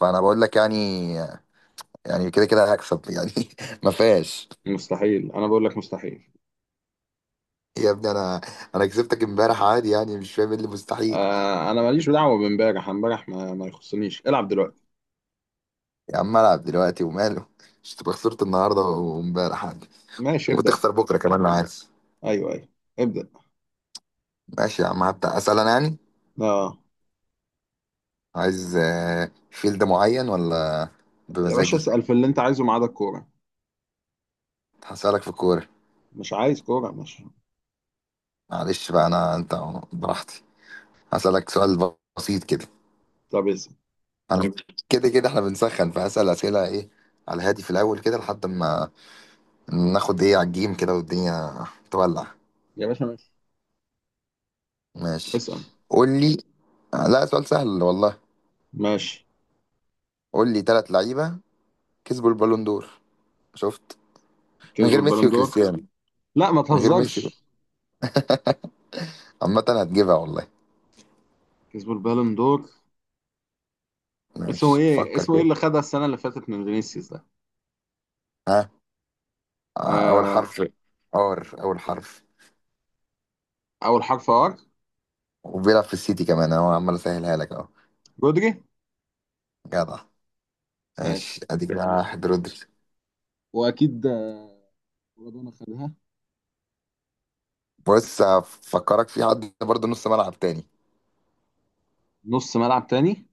فانا بقول لك يعني كده كده هكسب يعني ما فيهاش. مستحيل. انا بقول لك مستحيل. يا ابني انا كسبتك امبارح عادي، يعني مش فاهم ايه اللي مستحيل. آه، انا ماليش دعوه بامبارح. امبارح ما يخصنيش. العب دلوقتي. يا عم العب دلوقتي وماله مش تبقى خسرت النهارده وامبارح عادي ماشي ابدا. وتخسر بكره كمان لو عايز. ايوه ايوه. ابدا. ماشي يا عم، هبدأ اسال انا يعني. اه عايز فيلد معين ولا يا باشا، بمزاجي؟ اسال في اللي انت عايزه ما عدا الكوره. هسألك في الكوره، مش عايز كوره، ماشي. معلش بقى، انا انت براحتي. هسألك سؤال بسيط كده. طب اسال. انا كده كده احنا بنسخن، فهسأل اسئله ايه على هادي في الاول كده لحد ما ناخد ايه على الجيم كده والدنيا تولع. يا باشا ماشي. ماشي، اسال. قول لي. لا سؤال سهل والله. ماشي. قول لي ثلاث لعيبة كسبوا البالون دور. شفت؟ من كسبوا غير ميسي البالون دور. وكريستيانو. لا ما من غير ميسي. تهزرش. عامة هتجيبها والله. كسبوا البالون دور. اسمه ماشي ايه؟ فكر اسمه ايه كده. اللي خدها السنه اللي فاتت من فينيسيوس ده؟ ها. أول آه. حرف. ار أول حرف. اول حرف ار. وبيلعب في السيتي كمان أهو، عمال أسهلها لك أهو. رودري. جدع. ماشي ماشي، أدي كده واحد، رودري. واكيد ربنا خدها. بص هفكرك في حد برضه نص ملعب تاني. نص ملعب تاني.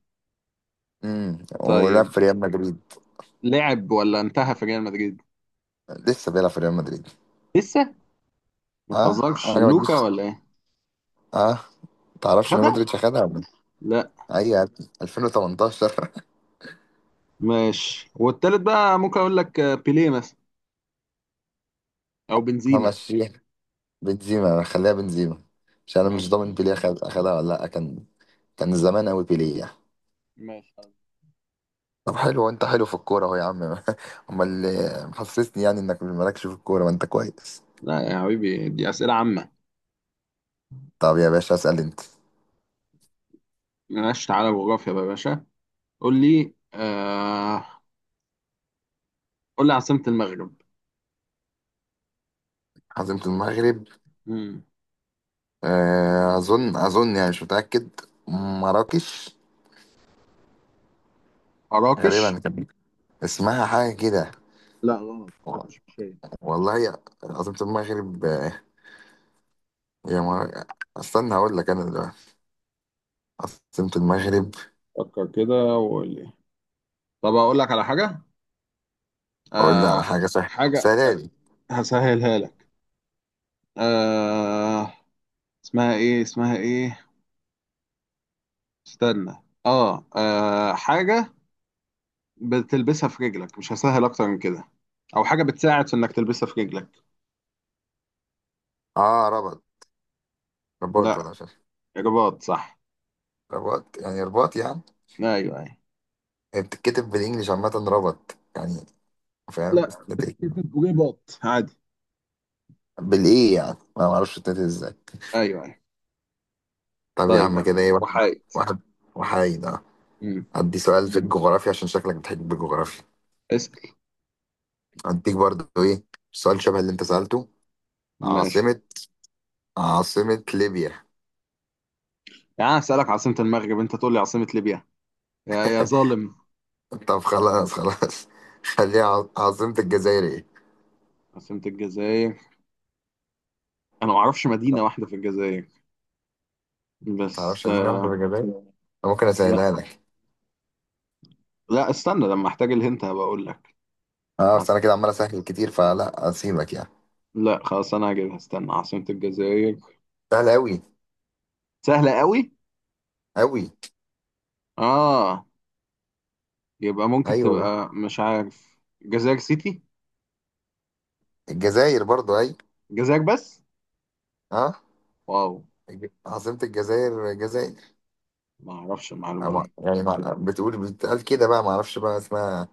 ولعب طيب، في ريال مدريد. لعب ولا انتهى في ريال مدريد؟ لسه بيلعب في ريال مدريد. لسه. ما اه تهزرش، انا ما لوكا تجيش. ولا ايه؟ اه، تعرفش ان خدها. مودريتش اخدها ولا؟ لا. إيه؟ اي يا ابني 2018. ماشي. والتالت بقى ممكن اقول لك بيليه مثلا او بنزيما. همشيها. بنزيما، خليها بنزيما، عشان انا مش ضامن ماشي بيليه اخدها ولا لا. كان كان زمان قوي بيليه يعني. ماشي. طب حلو، وانت حلو في الكوره اهو يا عم امال اللي محسسني يعني انك مالكش في الكوره؟ ما انت كويس. لا يا حبيبي، دي اسئله عامه. طب يا باشا اسال انت. ماشي. تعالى جغرافيا بقى يا باشا. قول لي. قول لي عاصمه المغرب. عاصمة المغرب. مم. اظن اظن يعني مش متاكد. مراكش. مراكش. غالبا كان اسمها حاجه كده. لا غلط، مراكش مش هي. والله عاصمة المغرب، يا ما استنى هقول لك انا دلوقتي. عاصمة المغرب. فكر كده وقول لي. طب اقول لك على حاجه. اقول لي على آه... حاجة سهلة حاجه سلالي. هسهلها لك. آه... اسمها ايه؟ اسمها ايه؟ استنى. حاجة بتلبسها في رجلك. مش هسهل أكتر من كده. أو حاجة بتساعد في إنك تلبسها في رجلك. اه، ربط. رباط لا. ولا شاش. رباط صح. رباط يعني، رباط يعني. أيوه أيوه. هي بتتكتب بالانجلش عامة، ربط يعني، فاهم، لا. بتتنطق. رباط عادي. بالايه يعني، انا ما اعرفش بتتنطق ازاي. أيوه أيوه. طب يا طيب. عم كده ايه، واحد. وحايد. واحد وحيد اه. مم. ادي سؤال في الجغرافيا، عشان شكلك بتحب الجغرافيا. اسأل. اديك برضه ايه، سؤال شبه اللي انت سألته. ماشي عاصمة، عاصمة ليبيا. يعني؟ أنا هسألك عاصمة المغرب أنت تقول لي عاصمة ليبيا؟ يا يا ظالم. طب خلاص خلاص خليها عاصمة الجزائر ايه. عاصمة الجزائر. أنا ما أعرفش مدينة واحدة في الجزائر. بس تعرفش؟ اديني واحدة آه. بجبان. أنا ممكن لا اسهلها لك. لا، استنى لما أحتاج الهنت هبقى أقول لك. اه بس انا عاصمة- كده عمال اسهل كتير، فلا اسيبك يعني. لا خلاص، أنا هجيبها. استنى، عاصمة الجزائر. سهل اوي. سهلة قوي. اوي. اه. يبقى ممكن ايوه، تبقى مش عارف جزائر سيتي. الجزائر برضو اي. جزائر بس. اه، واو. عاصمة الجزائر الجزائر. ما اعرفش المعلومة دي. بتقول بتقال كده بقى. ما اعرفش بقى اسمها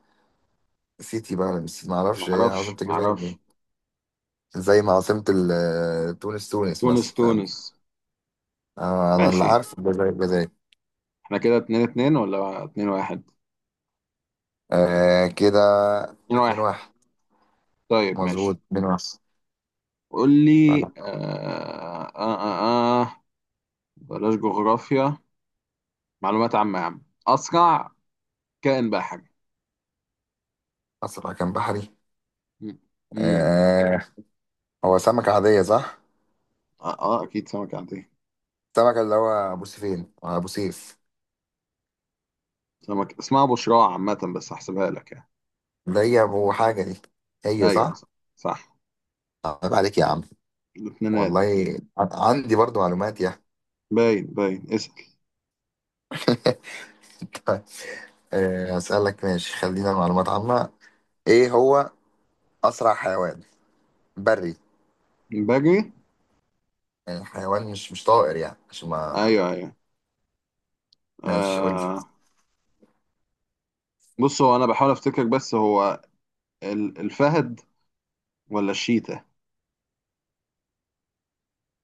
سيتي بقى ولا مش سيتي، ما ما اعرفش ايه اعرفش عاصمة ما الجزائر دي. اعرفش. زي ما عاصمة تونس تونس تونس مثلا، فاهم. تونس. آه، انا اللي ماشي. عارف الجزائر الجزائر. احنا كده اتنين اتنين ولا اتنين واحد؟ آه كده. اتنين اتنين واحد. واحد. طيب ماشي. مظبوط اتنين واحد. قول لي. فلا. آه. آه. بلاش جغرافيا. معلومات عامة يا عم أسرع. كائن بحري. اسرع كان بحري. مم. مم. آه. هو سمكة عادية صح؟ آه أكيد سمكة عندي. السمكة اللي هو أبو سيفين، أبو سيف. سمكة اسمها بشراع عامة، بس هحسبها لك يعني. اللي هي أبو حاجة دي. هي أيوه صح؟ صح. صح. عيب عليك يا عم. الاثنينات. والله. عندي برضو معلومات يا باين باين. اسأل. طيب، أسألك ماشي، خلينا معلومات عامة. إيه هو أسرع حيوان بري؟ بجري. يعني حيوان مش طائر يعني عشان ما. ايوه ايوه. ماشي قول لي. آه. بص، هو انا بحاول افتكر، بس هو الفهد ولا الشيتا.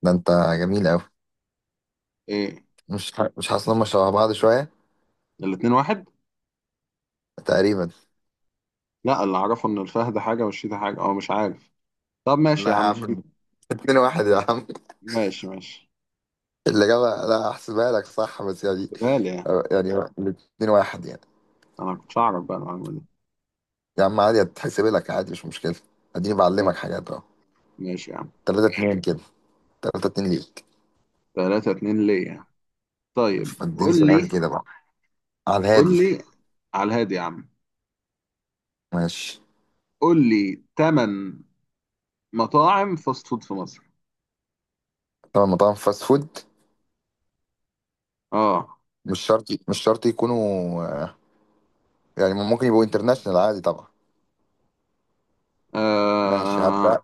ده أنت جميل أوي. ايه. مش حاسس إن هم شبه بعض شوية؟ الاتنين واحد. تقريبا. لا، اللي اعرفه ان الفهد حاجة والشيتا حاجة، او مش عارف. طب ماشي لا يا يا عم، الشيتا. عم، اتنين واحد يا عم. ماشي ماشي. الإجابة لا أحسبها لك صح بس يعني. بالي يعني. يعني الاتنين واحد يعني. انا كنتش اعرف بقى المعلومة دي. يا عم عادي، هتحسب لك عادي مش مشكلة. اديني ما- بعلمك حاجات اهو. ماشي يا عم. تلاتة اتنين كده. تلاتة اتنين ليك. تلاتة اتنين ليا. طيب فاديني قول سؤال لي. كده بقى على قول الهادي. لي على الهادي يا عم. ماشي. قول لي تمن مطاعم فاست فود في مصر. طبعا مطاعم فاست فود. اه, مش شرط مش شرط يكونوا، يعني ممكن يبقوا انترناشونال عادي طبعا. ماشي آه. هبدأ.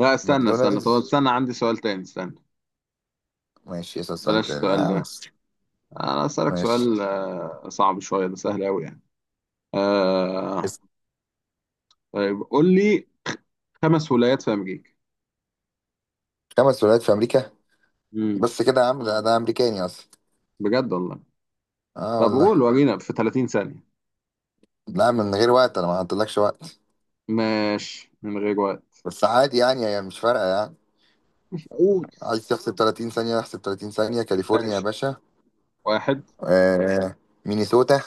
لا استنى استنى، طب ماكدونالدز. استنى، عندي سؤال تاني، استنى. ماشي اسأل سؤال بلاش تاني السؤال آه، ده. بس. انا اسالك ماشي. سؤال صعب شويه. ده سهل قوي يعني. آه. اسأل. طيب قول لي خمس ولايات في امريكا. خمس ولايات في أمريكا. امم بس كده يا عم، ده ده أمريكاني أصلا. بجد والله. اه طب والله. قول، ورينا في 30 ثانيه. لا من غير وقت، انا ما حطيتلكش وقت. ماشي من غير وقت. بس عادي يعني، هي مش فارقة يعني. قول. عايز تحسب 30 ثانية احسب 30 ثانية. كاليفورنيا يا ماشي. باشا. واحد. آه. مينيسوتا.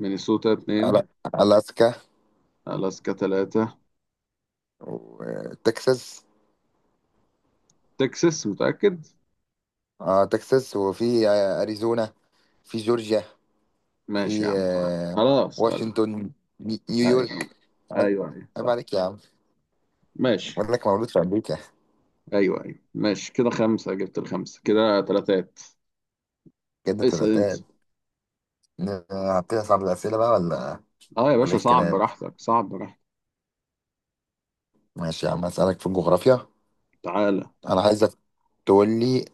مينيسوتا، اتنين. ألا- ألاسكا. الاسكا، تلاتة. وتكساس. تكساس، متاكد. اه تكساس، وفي أريزونا. في جورجيا. ماشي يا في عم، خلاص آه، خلاص خلاص. واشنطن. ايوه نيويورك. عيب. ايوه. ايوه عيب صح. عليك يا عم. ماشي. بقول لك مولود في أمريكا. ايوه ايوه. ماشي كده، خمسه جبت الخمسه، كده تلاتات. كده اسأل انت. تلاتات. هبتدي أصعب الأسئلة بقى ولا اه يا ولا إيه باشا، صعب الكلام؟ براحتك صعب براحتك. ماشي يا عم هسألك في الجغرافيا. تعالى. أنا عايزك تقول لي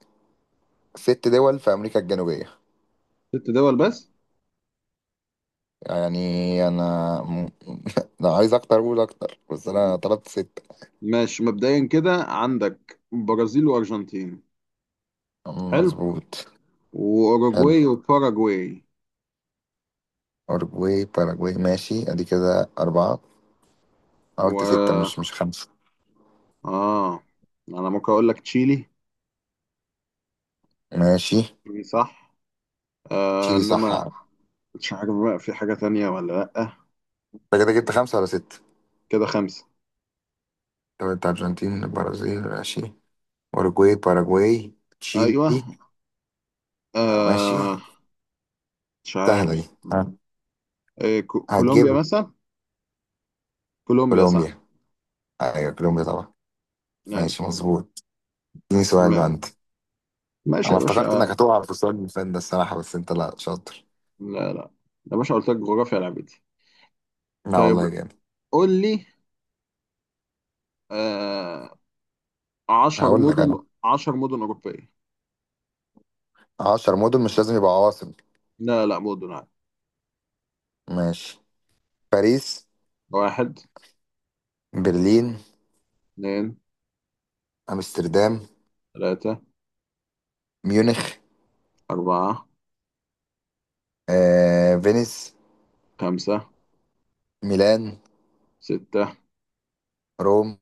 ست دول في أمريكا الجنوبية. ست دول بس. يعني انا م-. لو عايز اكتر اقول اكتر، بس انا طلبت ستة. ماشي. مبدئيا كده عندك برازيل وارجنتين. حلو. مظبوط. حلو. واوروجواي وباراجواي. اورجواي باراجواي. ماشي ادي كده اربعة. أنا قلت ستة مش و مش خمسة. اه انا ممكن اقول لك تشيلي. ماشي. صح. آه شيلي صح انما انت. مش عارف بقى في حاجة تانية ولا لأ. كده جبت خمسة ولا ستة؟ كده خمسة. طب انت قلت ارجنتين، البرازيل ماشي، اورجواي باراجواي، تشيلي. ايوه. ماشي. آه. مش سهلة دي عارف. ها. إيه، كولومبيا هتجيب. مثلا. كولومبيا صح. كولومبيا. ايوه كولومبيا طبعا. ايوه. ماشي مظبوط. اديني سؤال ما- بقى انت. ماشي انا يا افتكرت انك باشا. هتقع في السؤال اللي فات ده الصراحة، بس انت لا شاطر. لا لا. يا باشا قلت لك جغرافيا لعبتي. لا طيب والله جامد. قول لي. آه. عشر هقول لك مدن انا، عشر مدن أوروبية. 10 مدن مش لازم يبقى عواصم. لا لا، مدن عادي. ماشي. باريس. واحد. برلين. اتنين. امستردام. تلاتة. ميونخ. أربعة. فينيس. خمسة. ميلان. ستة. روم.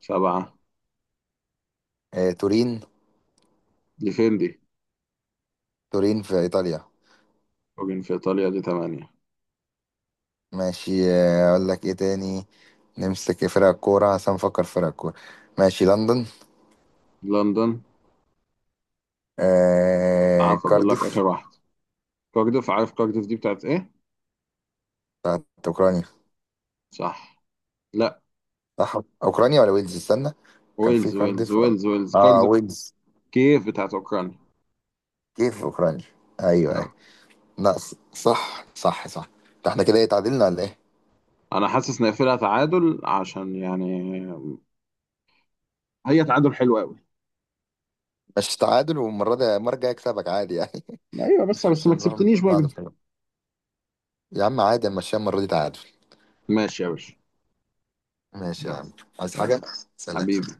سبعة. تورين. دي فين دي؟ تورين في ايطاليا. فوجن في إيطاليا، دي تمانية. ماشي، اقول لك ايه تاني. نمسك فرق كورة عشان نفكر في فرق كورة. ماشي. لندن. لندن. عارف أقول لك كارديف. آخر واحد. كارديف. عارف كارديف دي بتاعت إيه؟ بتاعت اوكرانيا. صح. لا. صح. اوكرانيا ولا ويلز، استنى. كان في ويلز ويلز كارديف. ويلز ويلز اه كارديف. ويلز. كيف بتاعت أوكرانيا. كيف اوكرانيا. ايوه. لا صح صح صح. ده احنا كده ايه، تعادلنا ولا ايه؟ أنا حاسس نقفلها تعادل عشان يعني. هي تعادل حلو قوي. مش تعادل، والمرة دي المرة الجاية اكسبك عادي يعني. ايوه بس مش بس مش ما هنروح كسبتنيش بقى. بعد بطريقة. يا عم عادي، ماشي المرة دي تعادل. ماشي يا باشا. ماشي يا يلا. عم. عايز حاجة؟ انا. سلام حبيبي.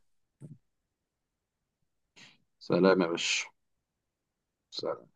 سلام يا باشا. سلام.